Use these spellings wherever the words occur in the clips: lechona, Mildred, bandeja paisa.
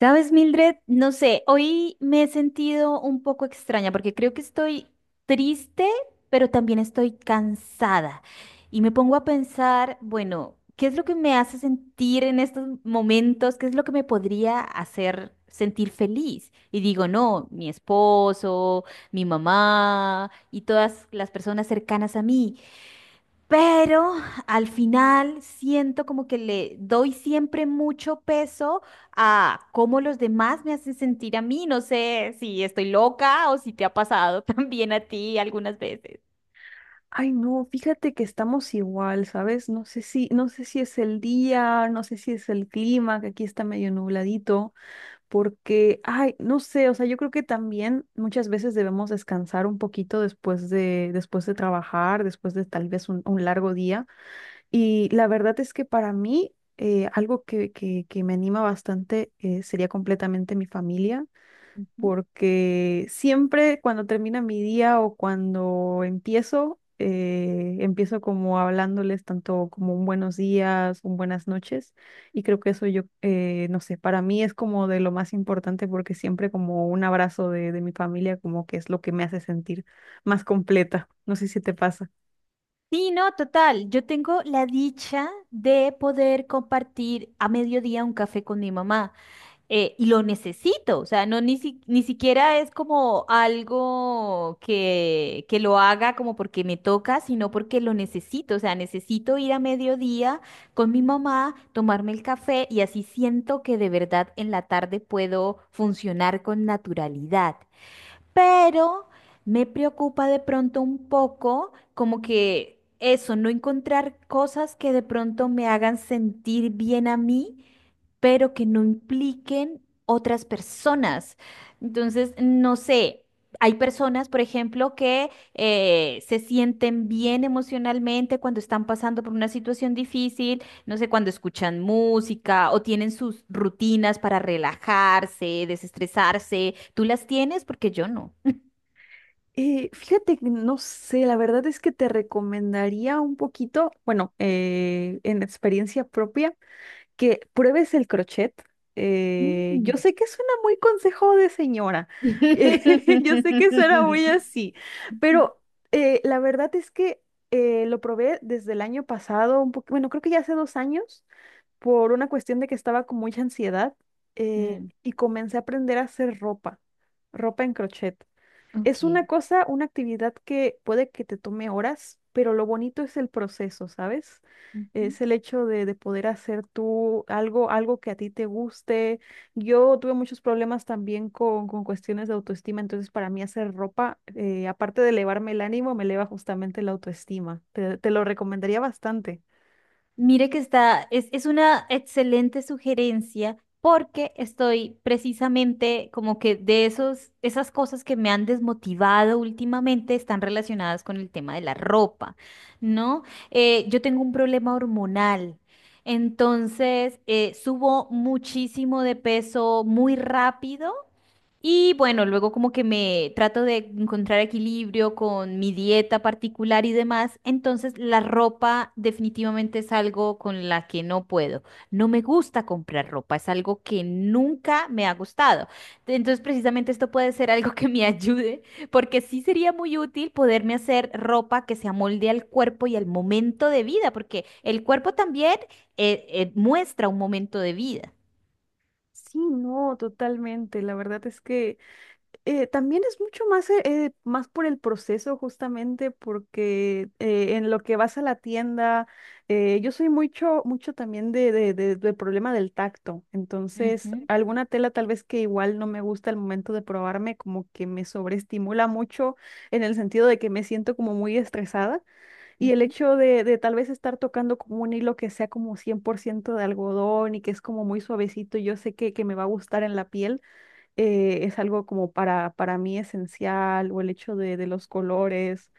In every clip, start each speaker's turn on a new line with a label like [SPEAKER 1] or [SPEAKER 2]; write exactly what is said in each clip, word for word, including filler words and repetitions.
[SPEAKER 1] ¿Sabes, Mildred? No sé, hoy me he sentido un poco extraña porque creo que estoy triste, pero también estoy cansada. Y me pongo a pensar, bueno, ¿qué es lo que me hace sentir en estos momentos? ¿Qué es lo que me podría hacer sentir feliz? Y digo, no, mi esposo, mi mamá y todas las personas cercanas a mí. Pero al final siento como que le doy siempre mucho peso a cómo los demás me hacen sentir a mí. No sé si estoy loca o si te ha pasado también a ti algunas veces.
[SPEAKER 2] Ay, no, fíjate que estamos igual, ¿sabes? No sé si, no sé si es el día, no sé si es el clima, que aquí está medio nubladito, porque, ay, no sé, o sea, yo creo que también muchas veces debemos descansar un poquito después de, después de trabajar, después de tal vez un, un largo día. Y la verdad es que para mí, eh, algo que, que, que me anima bastante eh, sería completamente mi familia,
[SPEAKER 1] Ujú.
[SPEAKER 2] porque siempre cuando termina mi día o cuando empiezo, eh, empiezo como hablándoles tanto como un buenos días, un buenas noches, y creo que eso yo, eh, no sé, para mí es como de lo más importante, porque siempre como un abrazo de, de mi familia como que es lo que me hace sentir más completa, no sé si te pasa.
[SPEAKER 1] Sí, no, total. Yo tengo la dicha de poder compartir a mediodía un café con mi mamá. Eh, y lo necesito, o sea, no ni, si- ni siquiera es como algo que, que lo haga como porque me toca, sino porque lo necesito, o sea, necesito ir a mediodía con mi mamá, tomarme el café y así siento que de verdad en la tarde puedo funcionar con naturalidad. Pero me preocupa de pronto un poco como que eso, no encontrar cosas que de pronto me hagan sentir bien a mí pero que no impliquen otras personas. Entonces, no sé. Hay personas, por ejemplo, que eh, se sienten bien emocionalmente cuando están pasando por una situación difícil, no sé, cuando escuchan música o tienen sus rutinas para relajarse, desestresarse. ¿Tú las tienes? Porque yo no.
[SPEAKER 2] Eh, fíjate, que no sé, la verdad es que te recomendaría un poquito, bueno, eh, en experiencia propia, que pruebes el crochet. Eh, yo
[SPEAKER 1] Mm.
[SPEAKER 2] sé que suena muy consejo de señora, eh, yo sé que suena muy así, pero eh, la verdad es que eh, lo probé desde el año pasado, un poco, bueno, creo que ya hace dos años, por una cuestión de que estaba con mucha ansiedad eh,
[SPEAKER 1] Mm,
[SPEAKER 2] y comencé a aprender a hacer ropa, ropa en crochet. Es una
[SPEAKER 1] ok.
[SPEAKER 2] cosa, una actividad que puede que te tome horas, pero lo bonito es el proceso, ¿sabes? Es el hecho de, de poder hacer tú algo, algo que a ti te guste. Yo tuve muchos problemas también con, con cuestiones de autoestima, entonces para mí hacer ropa, eh, aparte de elevarme el ánimo, me eleva justamente la autoestima. Te, te lo recomendaría bastante.
[SPEAKER 1] Mire que está, es, es una excelente sugerencia porque estoy precisamente como que de esos, esas cosas que me han desmotivado últimamente están relacionadas con el tema de la ropa, ¿no? Eh, yo tengo un problema hormonal, entonces eh, subo muchísimo de peso muy rápido y bueno, luego como que me trato de encontrar equilibrio con mi dieta particular y demás, entonces la ropa definitivamente es algo con la que no puedo. No me gusta comprar ropa, es algo que nunca me ha gustado. Entonces precisamente esto puede ser algo que me ayude, porque sí sería muy útil poderme hacer ropa que se amolde al cuerpo y al momento de vida, porque el cuerpo también eh, eh, muestra un momento de vida.
[SPEAKER 2] Sí, no, totalmente. La verdad es que eh, también es mucho más, eh, eh, más por el proceso, justamente porque eh, en lo que vas a la tienda, eh, yo soy mucho, mucho también de, de, de- del problema del tacto, entonces
[SPEAKER 1] Ujú,
[SPEAKER 2] alguna tela tal vez que igual no me gusta al momento de probarme, como que me sobreestimula mucho en el sentido de que me siento como muy estresada, y el
[SPEAKER 1] ujú,
[SPEAKER 2] hecho de, de tal vez estar tocando como un hilo que sea como cien por ciento de algodón y que es como muy suavecito, yo sé que, que me va a gustar en la piel eh, es algo como para, para mí esencial, o el hecho de, de los colores,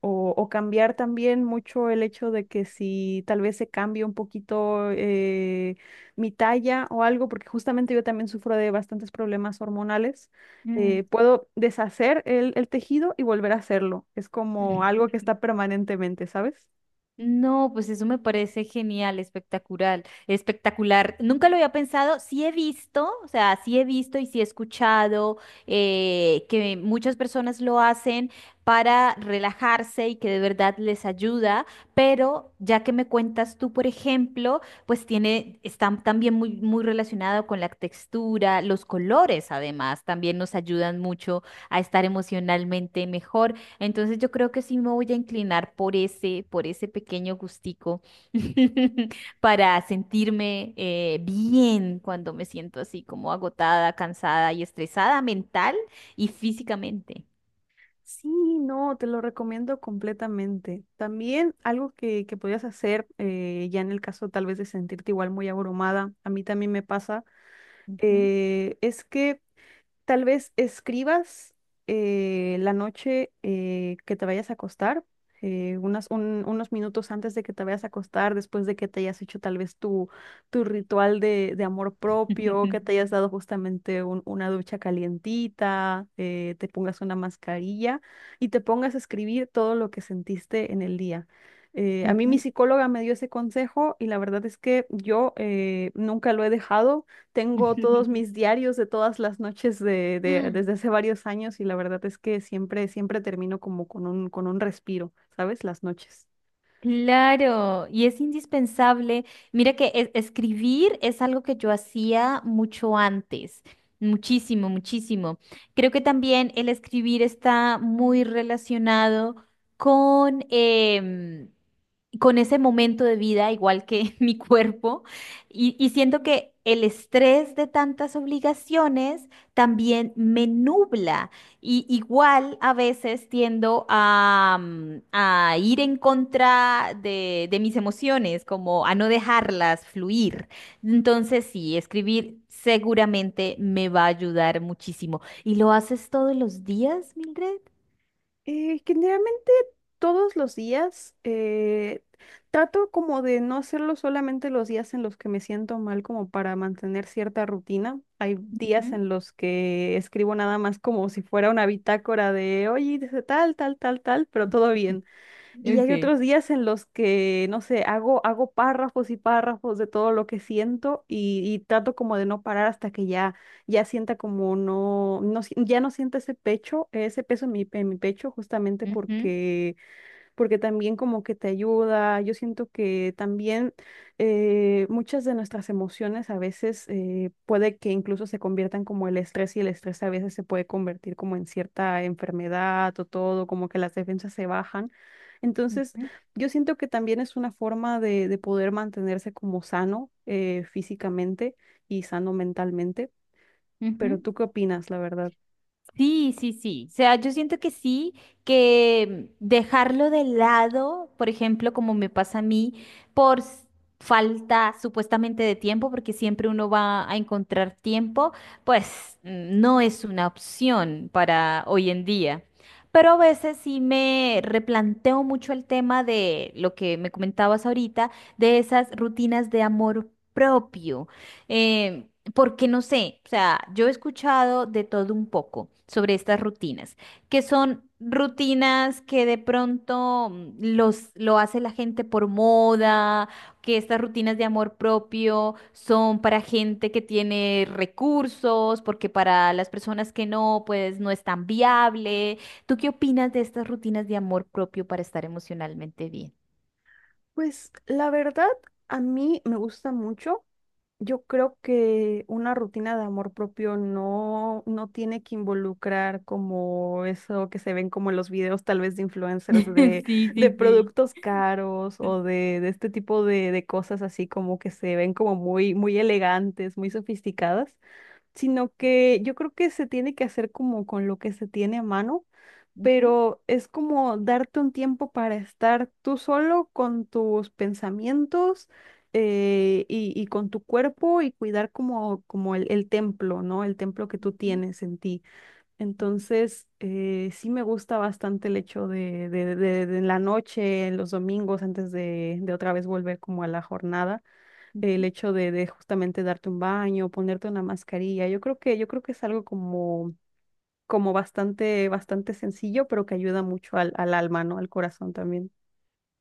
[SPEAKER 2] o, o cambiar también mucho el hecho de que si tal vez se cambie un poquito eh, mi talla o algo, porque justamente yo también sufro de bastantes problemas hormonales, eh, puedo deshacer el, el tejido y volver a hacerlo. Es como
[SPEAKER 1] mm.
[SPEAKER 2] algo que está permanentemente, ¿sabes?
[SPEAKER 1] No, pues eso me parece genial, espectacular, espectacular. Nunca lo había pensado, sí he visto, o sea, sí he visto y sí he escuchado eh, que muchas personas lo hacen para relajarse y que de verdad les ayuda, pero ya que me cuentas tú, por ejemplo, pues tiene, está también muy, muy relacionado con la textura, los colores además, también nos ayudan mucho a estar emocionalmente mejor. Entonces yo creo que sí me voy a inclinar por ese, por ese pequeño gustico para sentirme eh, bien cuando me siento así como agotada, cansada y estresada mental y físicamente.
[SPEAKER 2] Sí, no, te lo recomiendo completamente. También algo que, que podías hacer, eh, ya en el caso tal vez de sentirte igual muy abrumada, a mí también me pasa,
[SPEAKER 1] Ujú.
[SPEAKER 2] eh, es que tal vez escribas eh, la noche eh, que te vayas a acostar, eh, unas, un- unos minutos antes de que te vayas a acostar, después de que te hayas hecho tal vez tu, tu ritual de, de amor propio, que te hayas dado justamente un- una ducha calientita, eh, te pongas una mascarilla y te pongas a escribir todo lo que sentiste en el día. Eh, a mí mi
[SPEAKER 1] Ujú.
[SPEAKER 2] psicóloga me dio ese consejo y la verdad es que yo eh, nunca lo he dejado. Tengo todos mis diarios de todas las noches de, de- desde hace varios años, y la verdad es que siempre, siempre termino como con un, con un respiro, ¿sabes? Las noches.
[SPEAKER 1] Claro, y es indispensable. Mira que es- escribir es algo que yo hacía mucho antes, muchísimo, muchísimo. Creo que también el escribir está muy relacionado con, em, con ese momento de vida, igual que mi cuerpo, y, y siento que el estrés de tantas obligaciones también me nubla. Y igual a veces tiendo a, mm, a ir en contra de, de mis emociones, como a no dejarlas fluir. Entonces sí, escribir seguramente me va a ayudar muchísimo. ¿Y lo haces todos los días, Mildred?
[SPEAKER 2] Eh, generalmente todos los días eh, trato como de no hacerlo solamente los días en los que me siento mal, como para mantener cierta rutina. Hay días
[SPEAKER 1] Ujú.
[SPEAKER 2] en los que escribo nada más como si fuera una bitácora de, oye, hice tal, tal, tal, tal, pero todo bien. Y hay
[SPEAKER 1] Ok.
[SPEAKER 2] otros días en los que, no sé, hago, hago párrafos y párrafos de todo lo que siento, y, y trato como de no parar hasta que ya, ya sienta como no, no, si- ya no sienta ese pecho, ese peso en mi, en mi pecho, justamente
[SPEAKER 1] Ujú,
[SPEAKER 2] porque porque también como que te ayuda. Yo siento que también eh, muchas de nuestras emociones a veces eh, puede que incluso se conviertan como el estrés, y el estrés a veces se puede convertir como en cierta enfermedad o todo, como que las defensas se bajan. Entonces,
[SPEAKER 1] ujú,
[SPEAKER 2] yo siento que también es una forma de, de poder mantenerse como sano eh, físicamente y sano mentalmente. Pero
[SPEAKER 1] ujú.
[SPEAKER 2] ¿tú qué opinas, la verdad?
[SPEAKER 1] Sí, sí, sí. O sea, yo siento que sí, que dejarlo de lado, por ejemplo, como me pasa a mí, por s- falta supuestamente de tiempo, porque siempre uno va a encontrar tiempo, pues mm, no es una opción para hoy en día. Pero a veces sí me replanteo mucho el tema de lo que me comentabas ahorita, de esas rutinas de amor propio. Em, Porque no sé, o sea, yo he escuchado de todo un poco sobre estas rutinas, que son rutinas que de pronto mm, los, lo hace la gente por moda, que estas rutinas de amor propio son para gente que tiene recursos, porque para las personas que no, pues no es tan viable. ¿Tú qué opinas de estas rutinas de amor propio para estar emocionalmente bien?
[SPEAKER 2] Pues la verdad, a mí me gusta mucho. Yo creo que una rutina de amor propio no, no tiene que involucrar como eso que se ven como en los videos tal vez de influencers de,
[SPEAKER 1] Sí,
[SPEAKER 2] de
[SPEAKER 1] sí, sí.
[SPEAKER 2] productos caros o de, de este tipo de, de cosas así, como que se ven como muy, muy elegantes, muy sofisticadas, sino que yo creo que se tiene que hacer como con lo que se tiene a mano,
[SPEAKER 1] Ujú,
[SPEAKER 2] pero es como darte un tiempo para estar tú solo con tus pensamientos eh, y, y con tu cuerpo, y cuidar como, como el, el templo, ¿no? El templo que tú tienes en ti. Entonces, eh, sí me gusta bastante el hecho de, de, de- de en la noche, en los domingos, antes de, de otra vez volver como a la jornada, el
[SPEAKER 1] ujú.
[SPEAKER 2] hecho de, de justamente darte un baño, ponerte una mascarilla. Yo creo que, yo creo que es algo como como bastante, bastante sencillo, pero que ayuda mucho al, al alma, ¿no? Al corazón también.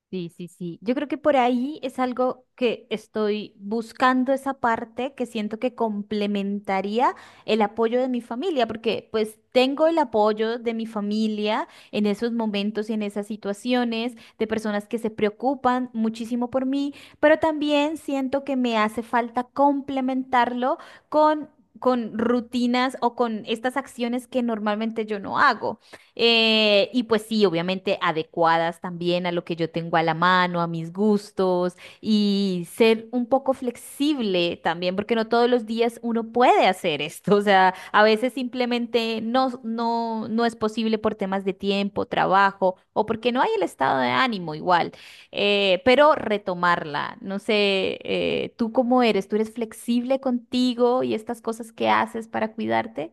[SPEAKER 1] Sí, sí, sí. Yo creo que por ahí es algo que estoy buscando esa parte que siento que complementaría el apoyo de mi familia, porque pues tengo el apoyo de mi familia en esos momentos y en esas situaciones, de personas que se preocupan muchísimo por mí, pero también siento que me hace falta complementarlo con... con rutinas o con estas acciones que normalmente yo no hago. Eh, y pues sí, obviamente adecuadas también a lo que yo tengo a la mano, a mis gustos y ser un poco flexible también, porque no todos los días uno puede hacer esto. O sea, a veces simplemente no, no, no es posible por temas de tiempo, trabajo o porque no hay el estado de ánimo igual. Eh, pero retomarla, no sé, eh, ¿tú cómo eres? ¿Tú eres flexible contigo y estas cosas que haces para cuidarte?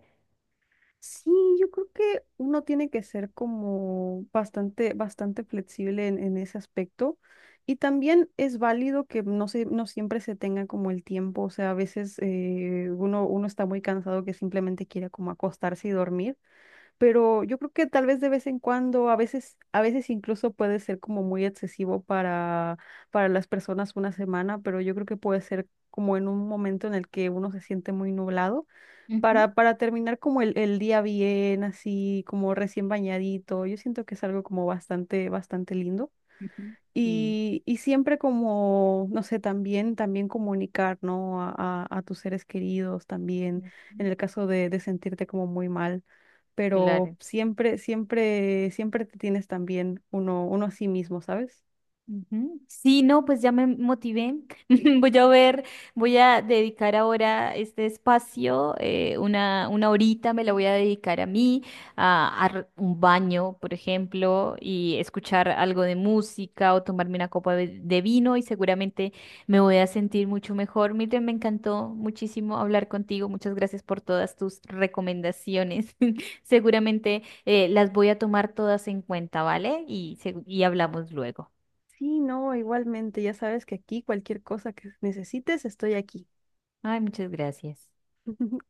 [SPEAKER 2] Sí, yo creo que uno tiene que ser como bastante, bastante flexible en, en ese aspecto. Y también es válido que no se, no siempre se tenga como el tiempo. O sea, a veces eh, uno, uno está muy cansado, que simplemente quiere como acostarse y dormir. Pero yo creo que tal vez de vez en cuando, a veces, a veces incluso puede ser como muy excesivo para, para las personas una semana, pero yo creo que puede ser como en un momento en el que uno se siente muy nublado,
[SPEAKER 1] Ujú,
[SPEAKER 2] para, para terminar como el, el día bien, así como recién bañadito. Yo siento que es algo como bastante, bastante lindo.
[SPEAKER 1] ujú, Sí.
[SPEAKER 2] Y, y siempre como, no sé, también, también comunicar, ¿no? A, a- a tus seres queridos también, en el caso de, de sentirte como muy mal. Pero
[SPEAKER 1] Claro.
[SPEAKER 2] siempre, siempre, siempre te tienes también uno, uno a sí mismo, ¿sabes?
[SPEAKER 1] Ujú. Sí, no, pues ya me motivé. Voy a ver, voy a dedicar ahora este espacio, eh, una, una horita me la voy a dedicar a mí, a, a r- un baño, por ejemplo, y escuchar algo de música o tomarme una copa de, de vino y seguramente me voy a sentir mucho mejor. Miren, me encantó muchísimo hablar contigo. Muchas gracias por todas tus recomendaciones. Seguramente eh, las voy a tomar todas en cuenta, ¿vale? Y, segu- y hablamos luego.
[SPEAKER 2] Sí, no, igualmente, ya sabes que aquí cualquier cosa que necesites, estoy aquí.
[SPEAKER 1] Ay, muchas gracias.